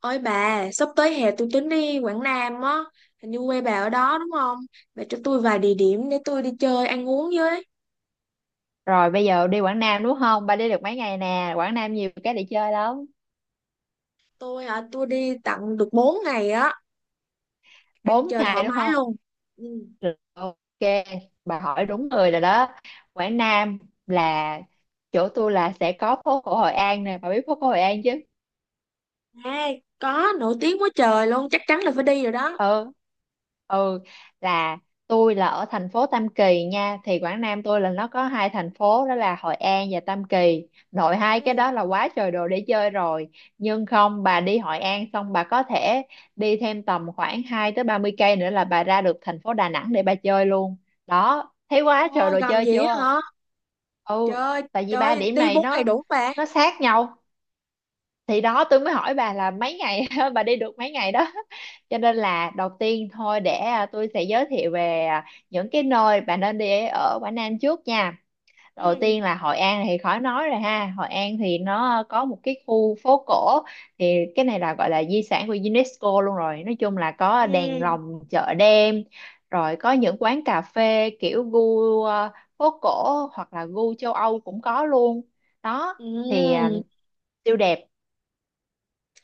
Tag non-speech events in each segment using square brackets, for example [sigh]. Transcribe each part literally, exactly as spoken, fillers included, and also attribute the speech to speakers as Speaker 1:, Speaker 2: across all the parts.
Speaker 1: Ôi bà, sắp tới hè tôi tính đi Quảng Nam á, hình như quê bà ở đó đúng không? Bà cho tôi vài địa điểm để tôi đi chơi ăn uống với.
Speaker 2: Rồi bây giờ đi Quảng Nam đúng không? Ba đi được mấy ngày nè, Quảng Nam nhiều cái để chơi lắm.
Speaker 1: Tôi hả, tôi đi tận được bốn ngày á, ăn
Speaker 2: Bốn
Speaker 1: chơi thoải
Speaker 2: ngày đúng
Speaker 1: mái
Speaker 2: không?
Speaker 1: luôn. Ừ.
Speaker 2: Được, ok, bà hỏi đúng người rồi đó. Quảng Nam là chỗ tôi là sẽ có phố cổ Hội An nè, bà biết phố cổ Hội An chứ?
Speaker 1: À, có, nổi tiếng quá trời luôn, chắc chắn là phải đi rồi đó.
Speaker 2: Ừ, ừ, là tôi là ở thành phố Tam Kỳ nha. Thì Quảng Nam tôi là nó có hai thành phố, đó là Hội An và Tam Kỳ, nội hai cái
Speaker 1: Ừ.
Speaker 2: đó là quá trời đồ để chơi rồi. Nhưng không, bà đi Hội An xong bà có thể đi thêm tầm khoảng hai tới ba mươi cây nữa là bà ra được thành phố Đà Nẵng để bà chơi luôn đó, thấy
Speaker 1: Trời
Speaker 2: quá trời
Speaker 1: ơi,
Speaker 2: đồ
Speaker 1: gần
Speaker 2: chơi
Speaker 1: vậy á
Speaker 2: chưa?
Speaker 1: hả? Trời
Speaker 2: Ừ,
Speaker 1: ơi,
Speaker 2: tại vì
Speaker 1: trời
Speaker 2: ba
Speaker 1: ơi,
Speaker 2: điểm
Speaker 1: đi
Speaker 2: này
Speaker 1: bốn ngày
Speaker 2: nó
Speaker 1: đủ không bà.
Speaker 2: nó sát nhau. Thì đó tôi mới hỏi bà là mấy ngày [laughs] bà đi được mấy ngày đó, cho nên là đầu tiên thôi, để à, tôi sẽ giới thiệu về à, những cái nơi bà nên đi ở Quảng Nam trước nha. Đầu
Speaker 1: Ừ.
Speaker 2: tiên là Hội An thì khỏi nói rồi ha, Hội An thì nó có một cái khu phố cổ, thì cái này là gọi là di sản của UNESCO luôn rồi, nói chung là
Speaker 1: Ừ.
Speaker 2: có đèn lồng, chợ đêm, rồi có những quán cà phê kiểu gu à, phố cổ hoặc là gu châu Âu cũng có luôn đó. Thì à,
Speaker 1: Ừ.
Speaker 2: siêu đẹp.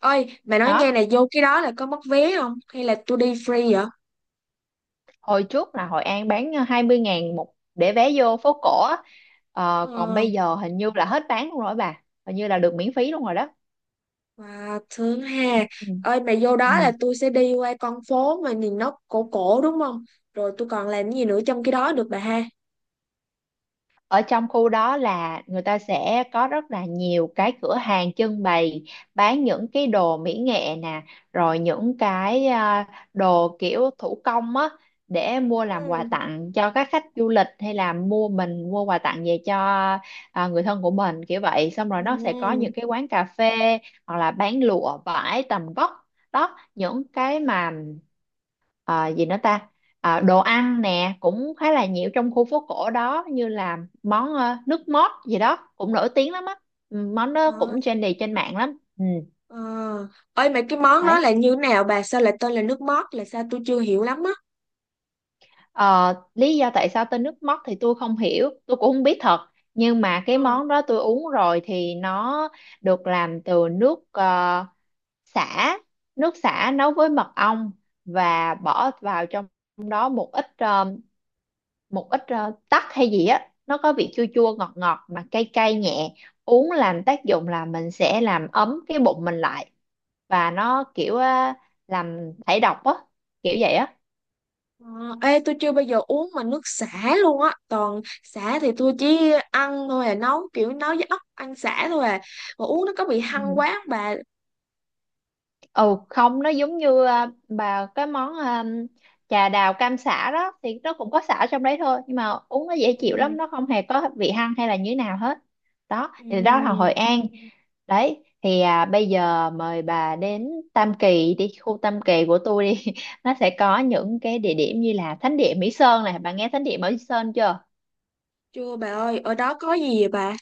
Speaker 1: Ôi, bà nói nghe
Speaker 2: Đó,
Speaker 1: này, vô cái đó là có mất vé không? Hay là tôi đi free vậy?
Speaker 2: hồi trước là Hội An bán hai mươi ngàn một để vé vô phố cổ á. Ờ, còn
Speaker 1: Ờ.
Speaker 2: bây giờ hình như là hết bán luôn rồi bà, hình như là được miễn phí luôn rồi đó.
Speaker 1: Wow, thương hà.
Speaker 2: Ừ.
Speaker 1: Ơi mà vô
Speaker 2: Ừ.
Speaker 1: đó là tôi sẽ đi qua con phố mà nhìn nó cổ cổ đúng không? Rồi tôi còn làm gì nữa trong cái đó được bà ha?
Speaker 2: Ở trong khu đó là người ta sẽ có rất là nhiều cái cửa hàng trưng bày, bán những cái đồ mỹ nghệ nè, rồi những cái à, đồ kiểu thủ công á, để mua làm quà
Speaker 1: Ừ.
Speaker 2: tặng cho các khách du lịch, hay là mua mình mua quà tặng về cho à, người thân của mình kiểu vậy. Xong rồi nó sẽ có
Speaker 1: Ừ.
Speaker 2: những cái quán cà phê hoặc là bán lụa vải tầm vóc đó, những cái mà à, gì nữa ta à, đồ ăn nè cũng khá là nhiều trong khu phố cổ đó, như là món ờ, nước mót gì đó cũng nổi tiếng lắm á. Ừ, món đó
Speaker 1: Ờ.
Speaker 2: cũng trendy trên mạng lắm. Ừ,
Speaker 1: Ờ. Ơi mà cái món đó
Speaker 2: đấy.
Speaker 1: là như nào bà? Sao lại tên là nước mót là sao tôi chưa hiểu lắm á.
Speaker 2: Ờ, lý do tại sao tên nước mót thì tôi không hiểu, tôi cũng không biết thật, nhưng mà cái
Speaker 1: Ờ.
Speaker 2: món đó tôi uống rồi thì nó được làm từ nước ờ, sả, nước sả nấu với mật ong, và bỏ vào trong đó một ít ờ, một ít ờ, tắc hay gì á. Nó có vị chua chua ngọt ngọt mà cay cay nhẹ, uống làm tác dụng là mình sẽ làm ấm cái bụng mình lại, và nó kiểu ờ, làm thải độc á, kiểu vậy á.
Speaker 1: Ờ. Ê tôi chưa bao giờ uống mà nước sả luôn á. Toàn sả thì tôi chỉ ăn thôi à, nấu kiểu nấu với ốc ăn sả thôi à. Mà uống nó có bị hăng
Speaker 2: Ừ.
Speaker 1: quá không bà?
Speaker 2: Ừ không, nó giống như à, bà cái món à, trà đào cam xả đó thì nó cũng có xả trong đấy thôi, nhưng mà uống nó dễ
Speaker 1: Ừ.
Speaker 2: chịu lắm, nó không hề có vị hăng hay là như thế nào hết. Đó thì đó là
Speaker 1: Ừ.
Speaker 2: Hội An. Đấy, thì à, bây giờ mời bà đến Tam Kỳ đi, khu Tam Kỳ của tôi đi [laughs] nó sẽ có những cái địa điểm như là Thánh địa Mỹ Sơn này, bà nghe Thánh địa Mỹ Sơn chưa?
Speaker 1: Chưa bà ơi, ở đó có gì vậy bà?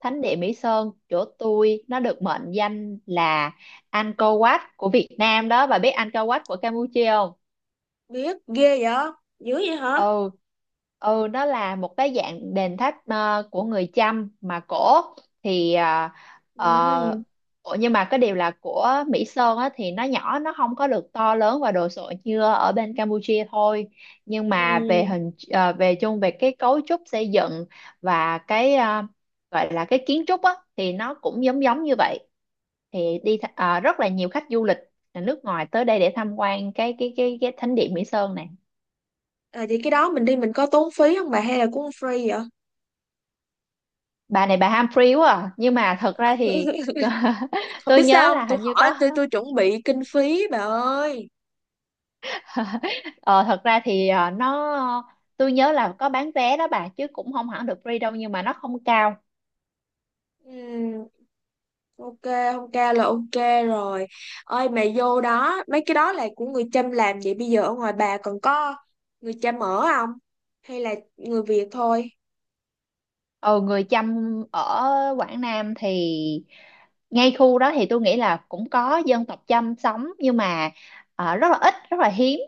Speaker 2: Thánh địa Mỹ Sơn chỗ tôi nó được mệnh danh là Angkor Wat của Việt Nam đó, bà biết Angkor Wat của Campuchia không?
Speaker 1: Biết ghê vậy, dữ vậy hả?
Speaker 2: Ừ, ừ, nó là một cái dạng đền tháp ờ, của người Chăm mà cổ. Thì ờ,
Speaker 1: Ừ,
Speaker 2: ờ, ủa, nhưng mà cái điều là của Mỹ Sơn á, thì nó nhỏ, nó không có được to lớn và đồ sộ như ở bên Campuchia thôi, nhưng mà về
Speaker 1: ừ.
Speaker 2: hình ờ, về chung về cái cấu trúc xây dựng và cái ờ, gọi là cái kiến trúc á, thì nó cũng giống giống như vậy. Thì đi th- ờ, rất là nhiều khách du lịch là nước ngoài tới đây để tham quan cái cái cái cái thánh điện Mỹ Sơn này.
Speaker 1: À, vậy cái đó mình đi mình có tốn phí không bà hay là cũng free vậy?
Speaker 2: Bà này bà ham free quá à. Nhưng mà thật ra thì
Speaker 1: [laughs]
Speaker 2: [laughs]
Speaker 1: Không
Speaker 2: tôi
Speaker 1: biết
Speaker 2: nhớ
Speaker 1: sao không
Speaker 2: là
Speaker 1: tôi
Speaker 2: hình như
Speaker 1: hỏi,
Speaker 2: có.
Speaker 1: tôi tôi chuẩn bị kinh phí bà ơi.
Speaker 2: ờ, Thật ra thì ờ, nó tôi nhớ là có bán vé đó bà, chứ cũng không hẳn được free đâu, nhưng mà nó không cao.
Speaker 1: Ừm, ok, không ca là ok rồi. Ơi mà vô đó mấy cái đó là của người Chăm làm vậy bây giờ ở ngoài bà còn có người Chăm ở không, hay là người Việt thôi?
Speaker 2: Ừ, người Chăm ở Quảng Nam thì ngay khu đó thì tôi nghĩ là cũng có dân tộc Chăm sống, nhưng mà ờ, rất là ít, rất là hiếm.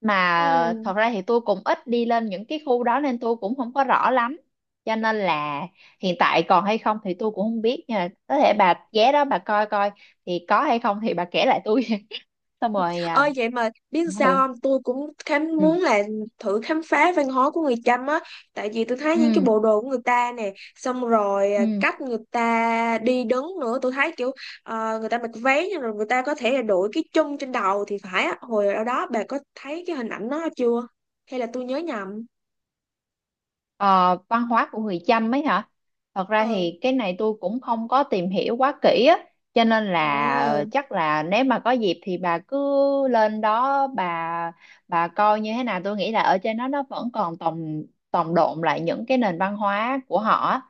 Speaker 2: Mà
Speaker 1: Ừ.
Speaker 2: thật ra thì tôi cũng ít đi lên những cái khu đó nên tôi cũng không có rõ lắm, cho nên là hiện tại còn hay không thì tôi cũng không biết, nhưng mà có thể bà ghé đó bà coi coi, thì có hay không thì bà kể lại tôi. [laughs] Xong rồi à,
Speaker 1: Ơi vậy mà biết sao
Speaker 2: ừ,
Speaker 1: không tôi cũng khám
Speaker 2: ừ,
Speaker 1: muốn là thử khám phá văn hóa của người Chăm á, tại vì tôi thấy những
Speaker 2: ừ,
Speaker 1: cái bộ đồ của người ta nè, xong rồi à,
Speaker 2: ừ.
Speaker 1: cách người ta đi đứng nữa tôi thấy kiểu ờ, người ta mặc váy nhưng rồi người ta có thể là đội cái chum trên đầu thì phải á, hồi ở đó bà có thấy cái hình ảnh đó chưa, hay là tôi nhớ nhầm?
Speaker 2: Ờ, văn hóa của người Chăm ấy hả? Thật ra
Speaker 1: Ừ.
Speaker 2: thì cái này tôi cũng không có tìm hiểu quá kỹ á, cho nên là
Speaker 1: Ừ.
Speaker 2: chắc là nếu mà có dịp thì bà cứ lên đó bà bà coi như thế nào. Tôi nghĩ là ở trên đó nó vẫn còn tồn tồn đọng lại những cái nền văn hóa của họ á.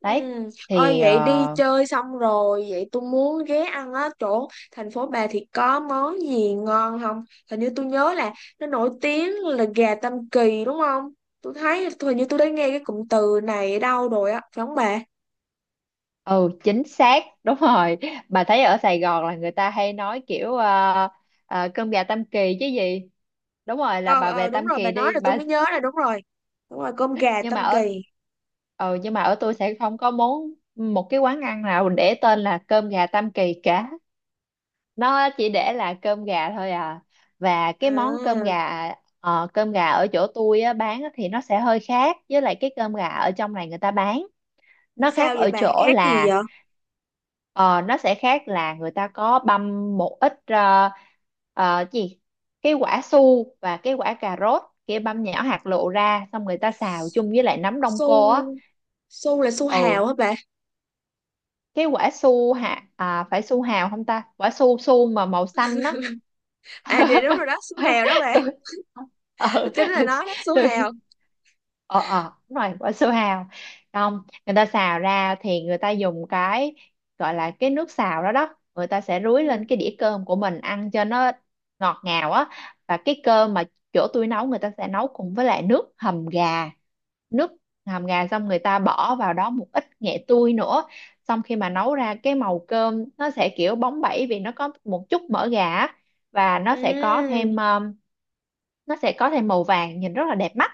Speaker 1: Ừ.
Speaker 2: Đấy,
Speaker 1: Ôi
Speaker 2: thì
Speaker 1: vậy đi
Speaker 2: ờ,
Speaker 1: chơi xong rồi vậy tôi muốn ghé ăn á, chỗ thành phố bà thì có món gì ngon không? Hình như tôi nhớ là nó nổi tiếng là gà Tam Kỳ đúng không, tôi thấy hình như tôi đã nghe cái cụm từ này ở đâu rồi á, phải không bà?
Speaker 2: ừ chính xác [laughs] đúng rồi. Bà thấy ở Sài Gòn là người ta hay nói kiểu ờ, ờ, cơm gà Tam Kỳ chứ gì? Đúng rồi, là
Speaker 1: Ờ
Speaker 2: bà về
Speaker 1: ờ đúng
Speaker 2: Tam
Speaker 1: rồi, bà
Speaker 2: Kỳ
Speaker 1: nói
Speaker 2: đi,
Speaker 1: là tôi
Speaker 2: bà.
Speaker 1: mới nhớ là đúng rồi, đúng rồi, cơm gà
Speaker 2: Nhưng mà
Speaker 1: Tam
Speaker 2: ở
Speaker 1: Kỳ.
Speaker 2: Ừ, nhưng mà ở tôi sẽ không có món một cái quán ăn nào để tên là cơm gà Tam Kỳ cả, nó chỉ để là cơm gà thôi à. Và cái món cơm
Speaker 1: À,
Speaker 2: gà, ờ, cơm gà ở chỗ tôi á, bán á, thì nó sẽ hơi khác với lại cái cơm gà ở trong này người ta bán. Nó
Speaker 1: sao
Speaker 2: khác
Speaker 1: vậy
Speaker 2: ở
Speaker 1: bà,
Speaker 2: chỗ
Speaker 1: khác gì
Speaker 2: là
Speaker 1: vậy?
Speaker 2: ờ, nó sẽ khác là người ta có băm một ít ờ, ờ, gì cái quả su và cái quả cà rốt kia, băm nhỏ hạt lựu ra, xong người ta xào chung với lại nấm đông cô á.
Speaker 1: Su, su là su
Speaker 2: Ừ,
Speaker 1: hào hả bà?
Speaker 2: cái quả su hạt à, phải su hào không ta, quả su su mà màu xanh á.
Speaker 1: À dạ đúng rồi
Speaker 2: [laughs]
Speaker 1: đó, su hào đó bà.
Speaker 2: tôi ờ
Speaker 1: [laughs] Chính là nó đó, su
Speaker 2: [laughs] tôi
Speaker 1: hào.
Speaker 2: ờ ờ đúng rồi, quả su hào. Không, người ta xào ra thì người ta dùng cái gọi là cái nước xào đó đó, người ta sẽ rưới
Speaker 1: Ừ.
Speaker 2: lên cái đĩa cơm của mình ăn cho nó ngọt ngào á. Và cái cơm mà chỗ tôi nấu, người ta sẽ nấu cùng với lại nước hầm gà, nước hầm gà, xong người ta bỏ vào đó một ít nghệ tươi nữa. Xong khi mà nấu ra cái màu cơm nó sẽ kiểu bóng bẩy, vì nó có một chút mỡ gà á, và nó sẽ có thêm
Speaker 1: Ừ.
Speaker 2: um, nó sẽ có thêm màu vàng, nhìn rất là đẹp mắt.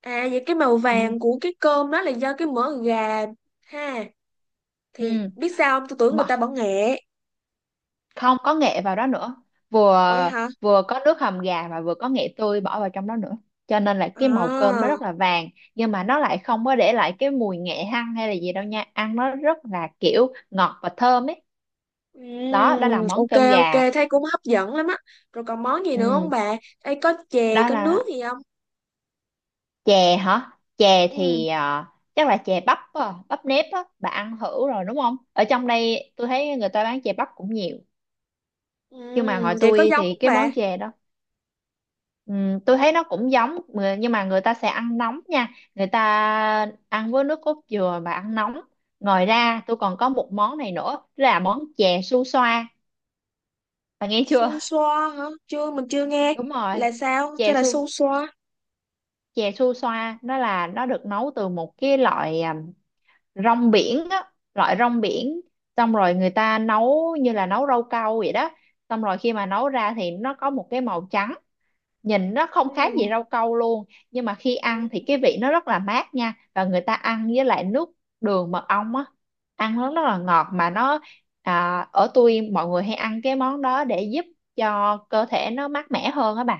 Speaker 1: À vậy cái màu
Speaker 2: Ừ.
Speaker 1: vàng của cái cơm đó là do cái mỡ gà ha. Thì
Speaker 2: Ừ.
Speaker 1: biết sao không? Tôi tưởng người
Speaker 2: Mà
Speaker 1: ta bỏ nghệ.
Speaker 2: không có nghệ vào đó nữa,
Speaker 1: Ủa vậy
Speaker 2: vừa
Speaker 1: hả?
Speaker 2: vừa có nước hầm gà và vừa có nghệ tươi bỏ vào trong đó nữa, cho nên là cái màu cơm nó
Speaker 1: À.
Speaker 2: rất là vàng, nhưng mà nó lại không có để lại cái mùi nghệ hăng hay là gì đâu nha, ăn nó rất là kiểu ngọt và thơm ấy. Đó, đó là
Speaker 1: Ừm,
Speaker 2: món
Speaker 1: ok
Speaker 2: cơm gà.
Speaker 1: ok, thấy cũng hấp dẫn lắm á. Rồi còn món gì nữa không
Speaker 2: Ừ.
Speaker 1: bà? Ê có chè,
Speaker 2: Đó
Speaker 1: có nước
Speaker 2: là
Speaker 1: gì không?
Speaker 2: chè hả? Chè
Speaker 1: Ừ.
Speaker 2: thì à, chắc là chè bắp á, bắp nếp á, bà ăn thử rồi đúng không, ở trong đây tôi thấy người ta bán chè bắp cũng nhiều.
Speaker 1: Ừ,
Speaker 2: Nhưng mà ngoài
Speaker 1: vậy có
Speaker 2: tôi
Speaker 1: giống
Speaker 2: thì
Speaker 1: không
Speaker 2: cái
Speaker 1: bà?
Speaker 2: món chè đó, ừm, tôi thấy nó cũng giống người- nhưng mà người ta sẽ ăn nóng nha, người ta ăn với nước cốt dừa và ăn nóng. Ngoài ra tôi còn có một món này nữa là món chè su xoa, bà nghe chưa?
Speaker 1: Su xoa hả? Chưa, mình chưa nghe.
Speaker 2: [laughs] Đúng rồi,
Speaker 1: Là sao? Thế
Speaker 2: chè
Speaker 1: là
Speaker 2: su
Speaker 1: su xoa.
Speaker 2: chè su xoa, nó là nó được nấu từ một cái loại à, rong biển á, loại rong biển, xong rồi người ta nấu như là nấu rau câu vậy đó. Xong rồi khi mà nấu ra thì nó có một cái màu trắng, nhìn nó không khác gì
Speaker 1: Ừ.
Speaker 2: rau câu luôn, nhưng mà khi ăn
Speaker 1: Ừ.
Speaker 2: thì cái vị nó rất là mát nha, và người ta ăn với lại nước đường mật ong á, ăn nó rất là ngọt. Mà nó à, ở tôi mọi người hay ăn cái món đó để giúp cho cơ thể nó mát mẻ hơn á bà.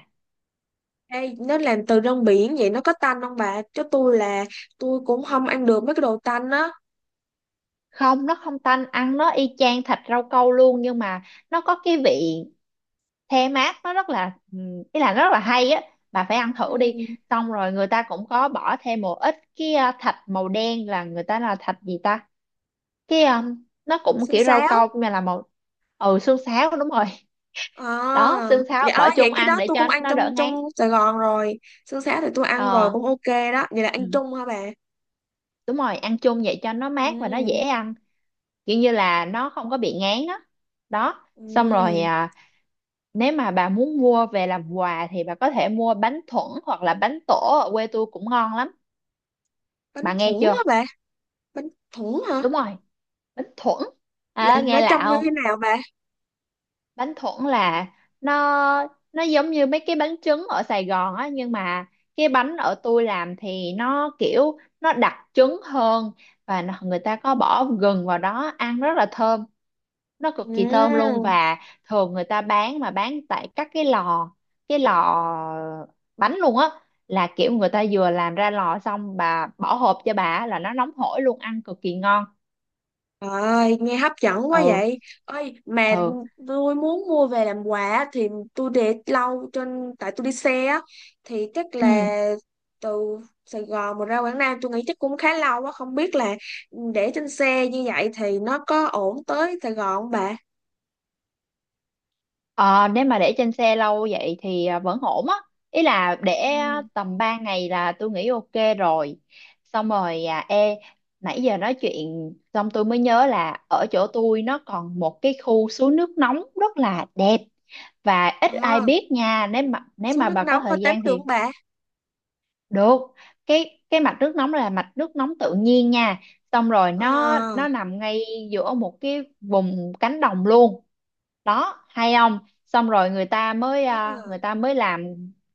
Speaker 1: Ê, nó làm từ rong biển vậy nó có tanh không bà? Chứ tôi là tôi cũng không ăn được mấy cái đồ tanh á.
Speaker 2: Không, nó không tanh, ăn nó y chang thịt rau câu luôn, nhưng mà nó có cái vị the mát, nó rất là ừ, ý là nó rất là hay á, bà phải ăn thử đi.
Speaker 1: Ừ.
Speaker 2: Xong rồi người ta cũng có bỏ thêm một ít cái ờ, thạch màu đen, là người ta là thạch gì ta, cái ờ, nó cũng
Speaker 1: Xương
Speaker 2: kiểu rau
Speaker 1: sáo.
Speaker 2: câu nhưng mà là màu. Ừ, xương sáo đúng rồi.
Speaker 1: À
Speaker 2: [laughs] Đó, xương sáo
Speaker 1: dạ. Ờ,
Speaker 2: bỏ
Speaker 1: vậy
Speaker 2: chung
Speaker 1: cái
Speaker 2: ăn
Speaker 1: đó
Speaker 2: để
Speaker 1: tôi cũng
Speaker 2: cho
Speaker 1: ăn
Speaker 2: nó
Speaker 1: trong
Speaker 2: đỡ
Speaker 1: trong
Speaker 2: ngán.
Speaker 1: Sài Gòn rồi, xương sáo thì tôi ăn rồi
Speaker 2: Ờ.
Speaker 1: cũng ok. Đó vậy là ăn
Speaker 2: Ừ.
Speaker 1: chung hả bà?
Speaker 2: Đúng rồi, ăn chung vậy cho nó mát và nó dễ
Speaker 1: Ừ.
Speaker 2: ăn, kiểu như là nó không có bị ngán á. Đó. Xong rồi
Speaker 1: Ừ.
Speaker 2: à, nếu mà bà muốn mua về làm quà thì bà có thể mua bánh thuẫn hoặc là bánh tổ, ở quê tôi cũng ngon lắm,
Speaker 1: Bánh
Speaker 2: bà nghe
Speaker 1: thủng hả
Speaker 2: chưa?
Speaker 1: bà? Bánh thủng hả?
Speaker 2: Đúng rồi, bánh thuẫn.
Speaker 1: Là
Speaker 2: à,
Speaker 1: nó
Speaker 2: nghe lạ
Speaker 1: trông như
Speaker 2: không?
Speaker 1: thế nào bà?
Speaker 2: Bánh thuẫn là nó nó giống như mấy cái bánh trứng ở Sài Gòn á, nhưng mà cái bánh ở tôi làm thì nó kiểu nó đặc trứng hơn, và nó- người ta có bỏ gừng vào đó ăn rất là thơm, nó cực kỳ thơm luôn.
Speaker 1: Ừ.
Speaker 2: Và thường người ta bán mà bán tại các cái lò cái lò bánh luôn á, là kiểu người ta vừa làm ra lò xong bà bỏ hộp cho bà á, là nó nóng hổi luôn, ăn cực kỳ ngon.
Speaker 1: Trời ơi, nghe hấp dẫn quá
Speaker 2: Ừ.
Speaker 1: vậy. Ơi, mà
Speaker 2: Ừ.
Speaker 1: tôi muốn mua về làm quà thì tôi để lâu trên, tại tôi đi xe á, thì chắc
Speaker 2: Ừ.
Speaker 1: là từ Sài Gòn mà ra Quảng Nam tôi nghĩ chắc cũng khá lâu á, không biết là để trên xe như vậy thì nó có ổn tới Sài Gòn không bà?
Speaker 2: Ờ, nếu mà để trên xe lâu vậy thì à, vẫn ổn á, ý là để
Speaker 1: Ừ.
Speaker 2: à, tầm ba ngày là tôi nghĩ ok rồi. Xong rồi à ê nãy giờ nói chuyện xong tôi mới nhớ là ở chỗ tôi nó còn một cái khu suối nước nóng rất là đẹp và ít ai
Speaker 1: À,
Speaker 2: biết nha, nếu mà nếu
Speaker 1: xuống
Speaker 2: mà
Speaker 1: nước
Speaker 2: bà có
Speaker 1: nóng hơi
Speaker 2: thời
Speaker 1: tắm
Speaker 2: gian
Speaker 1: được
Speaker 2: thì
Speaker 1: không bà?
Speaker 2: được. Cái cái mạch nước nóng là mạch nước nóng tự nhiên nha, xong rồi nó
Speaker 1: À.
Speaker 2: nó nằm ngay giữa một cái vùng cánh đồng luôn đó hay không. Xong rồi người ta mới à, người ta mới làm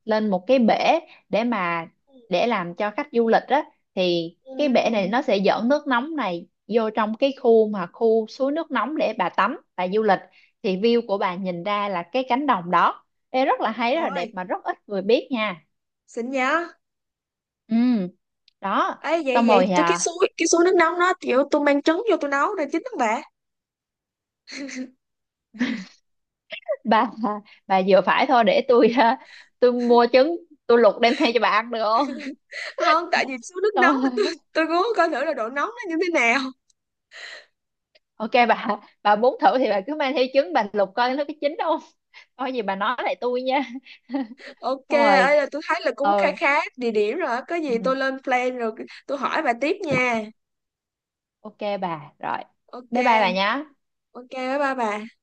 Speaker 2: lên một cái bể để mà
Speaker 1: Ừ.
Speaker 2: để làm cho khách du lịch á, thì cái bể này
Speaker 1: Ừ.
Speaker 2: nó sẽ dẫn nước nóng này vô trong cái khu mà khu suối nước nóng để bà tắm bà du lịch. Thì view của bà nhìn ra là cái cánh đồng đó. Ê, rất là hay, rất là đẹp
Speaker 1: Rồi,
Speaker 2: mà rất ít người biết nha.
Speaker 1: xin nhớ.
Speaker 2: Ừ. Đó.
Speaker 1: Ấy vậy
Speaker 2: Xong
Speaker 1: vậy
Speaker 2: rồi
Speaker 1: tôi, cái
Speaker 2: à,
Speaker 1: suối cái suối nước nóng nó kiểu tôi mang trứng vô tôi nấu rồi chín không bà?
Speaker 2: [laughs] bà bà vừa phải thôi, để tôi à, tôi mua trứng tôi luộc đem theo cho bà ăn được
Speaker 1: Không tại vì số nước nóng
Speaker 2: không?
Speaker 1: là tôi
Speaker 2: [laughs]
Speaker 1: tôi muốn coi thử là độ nóng nó như thế nào.
Speaker 2: Ok bà bà muốn thử thì bà cứ mang theo trứng, bà lục coi nó có chín không, coi gì bà nói lại tôi nha. [laughs]
Speaker 1: Ok,
Speaker 2: Xong rồi
Speaker 1: ấy là tôi thấy là cũng khá
Speaker 2: ừ,
Speaker 1: khá địa điểm rồi á. Có
Speaker 2: ừ,
Speaker 1: gì tôi lên plan rồi, tôi hỏi bà tiếp nha.
Speaker 2: ok bà. Rồi, bye bye bà
Speaker 1: Ok.
Speaker 2: nhé.
Speaker 1: Ok, bye bye bà.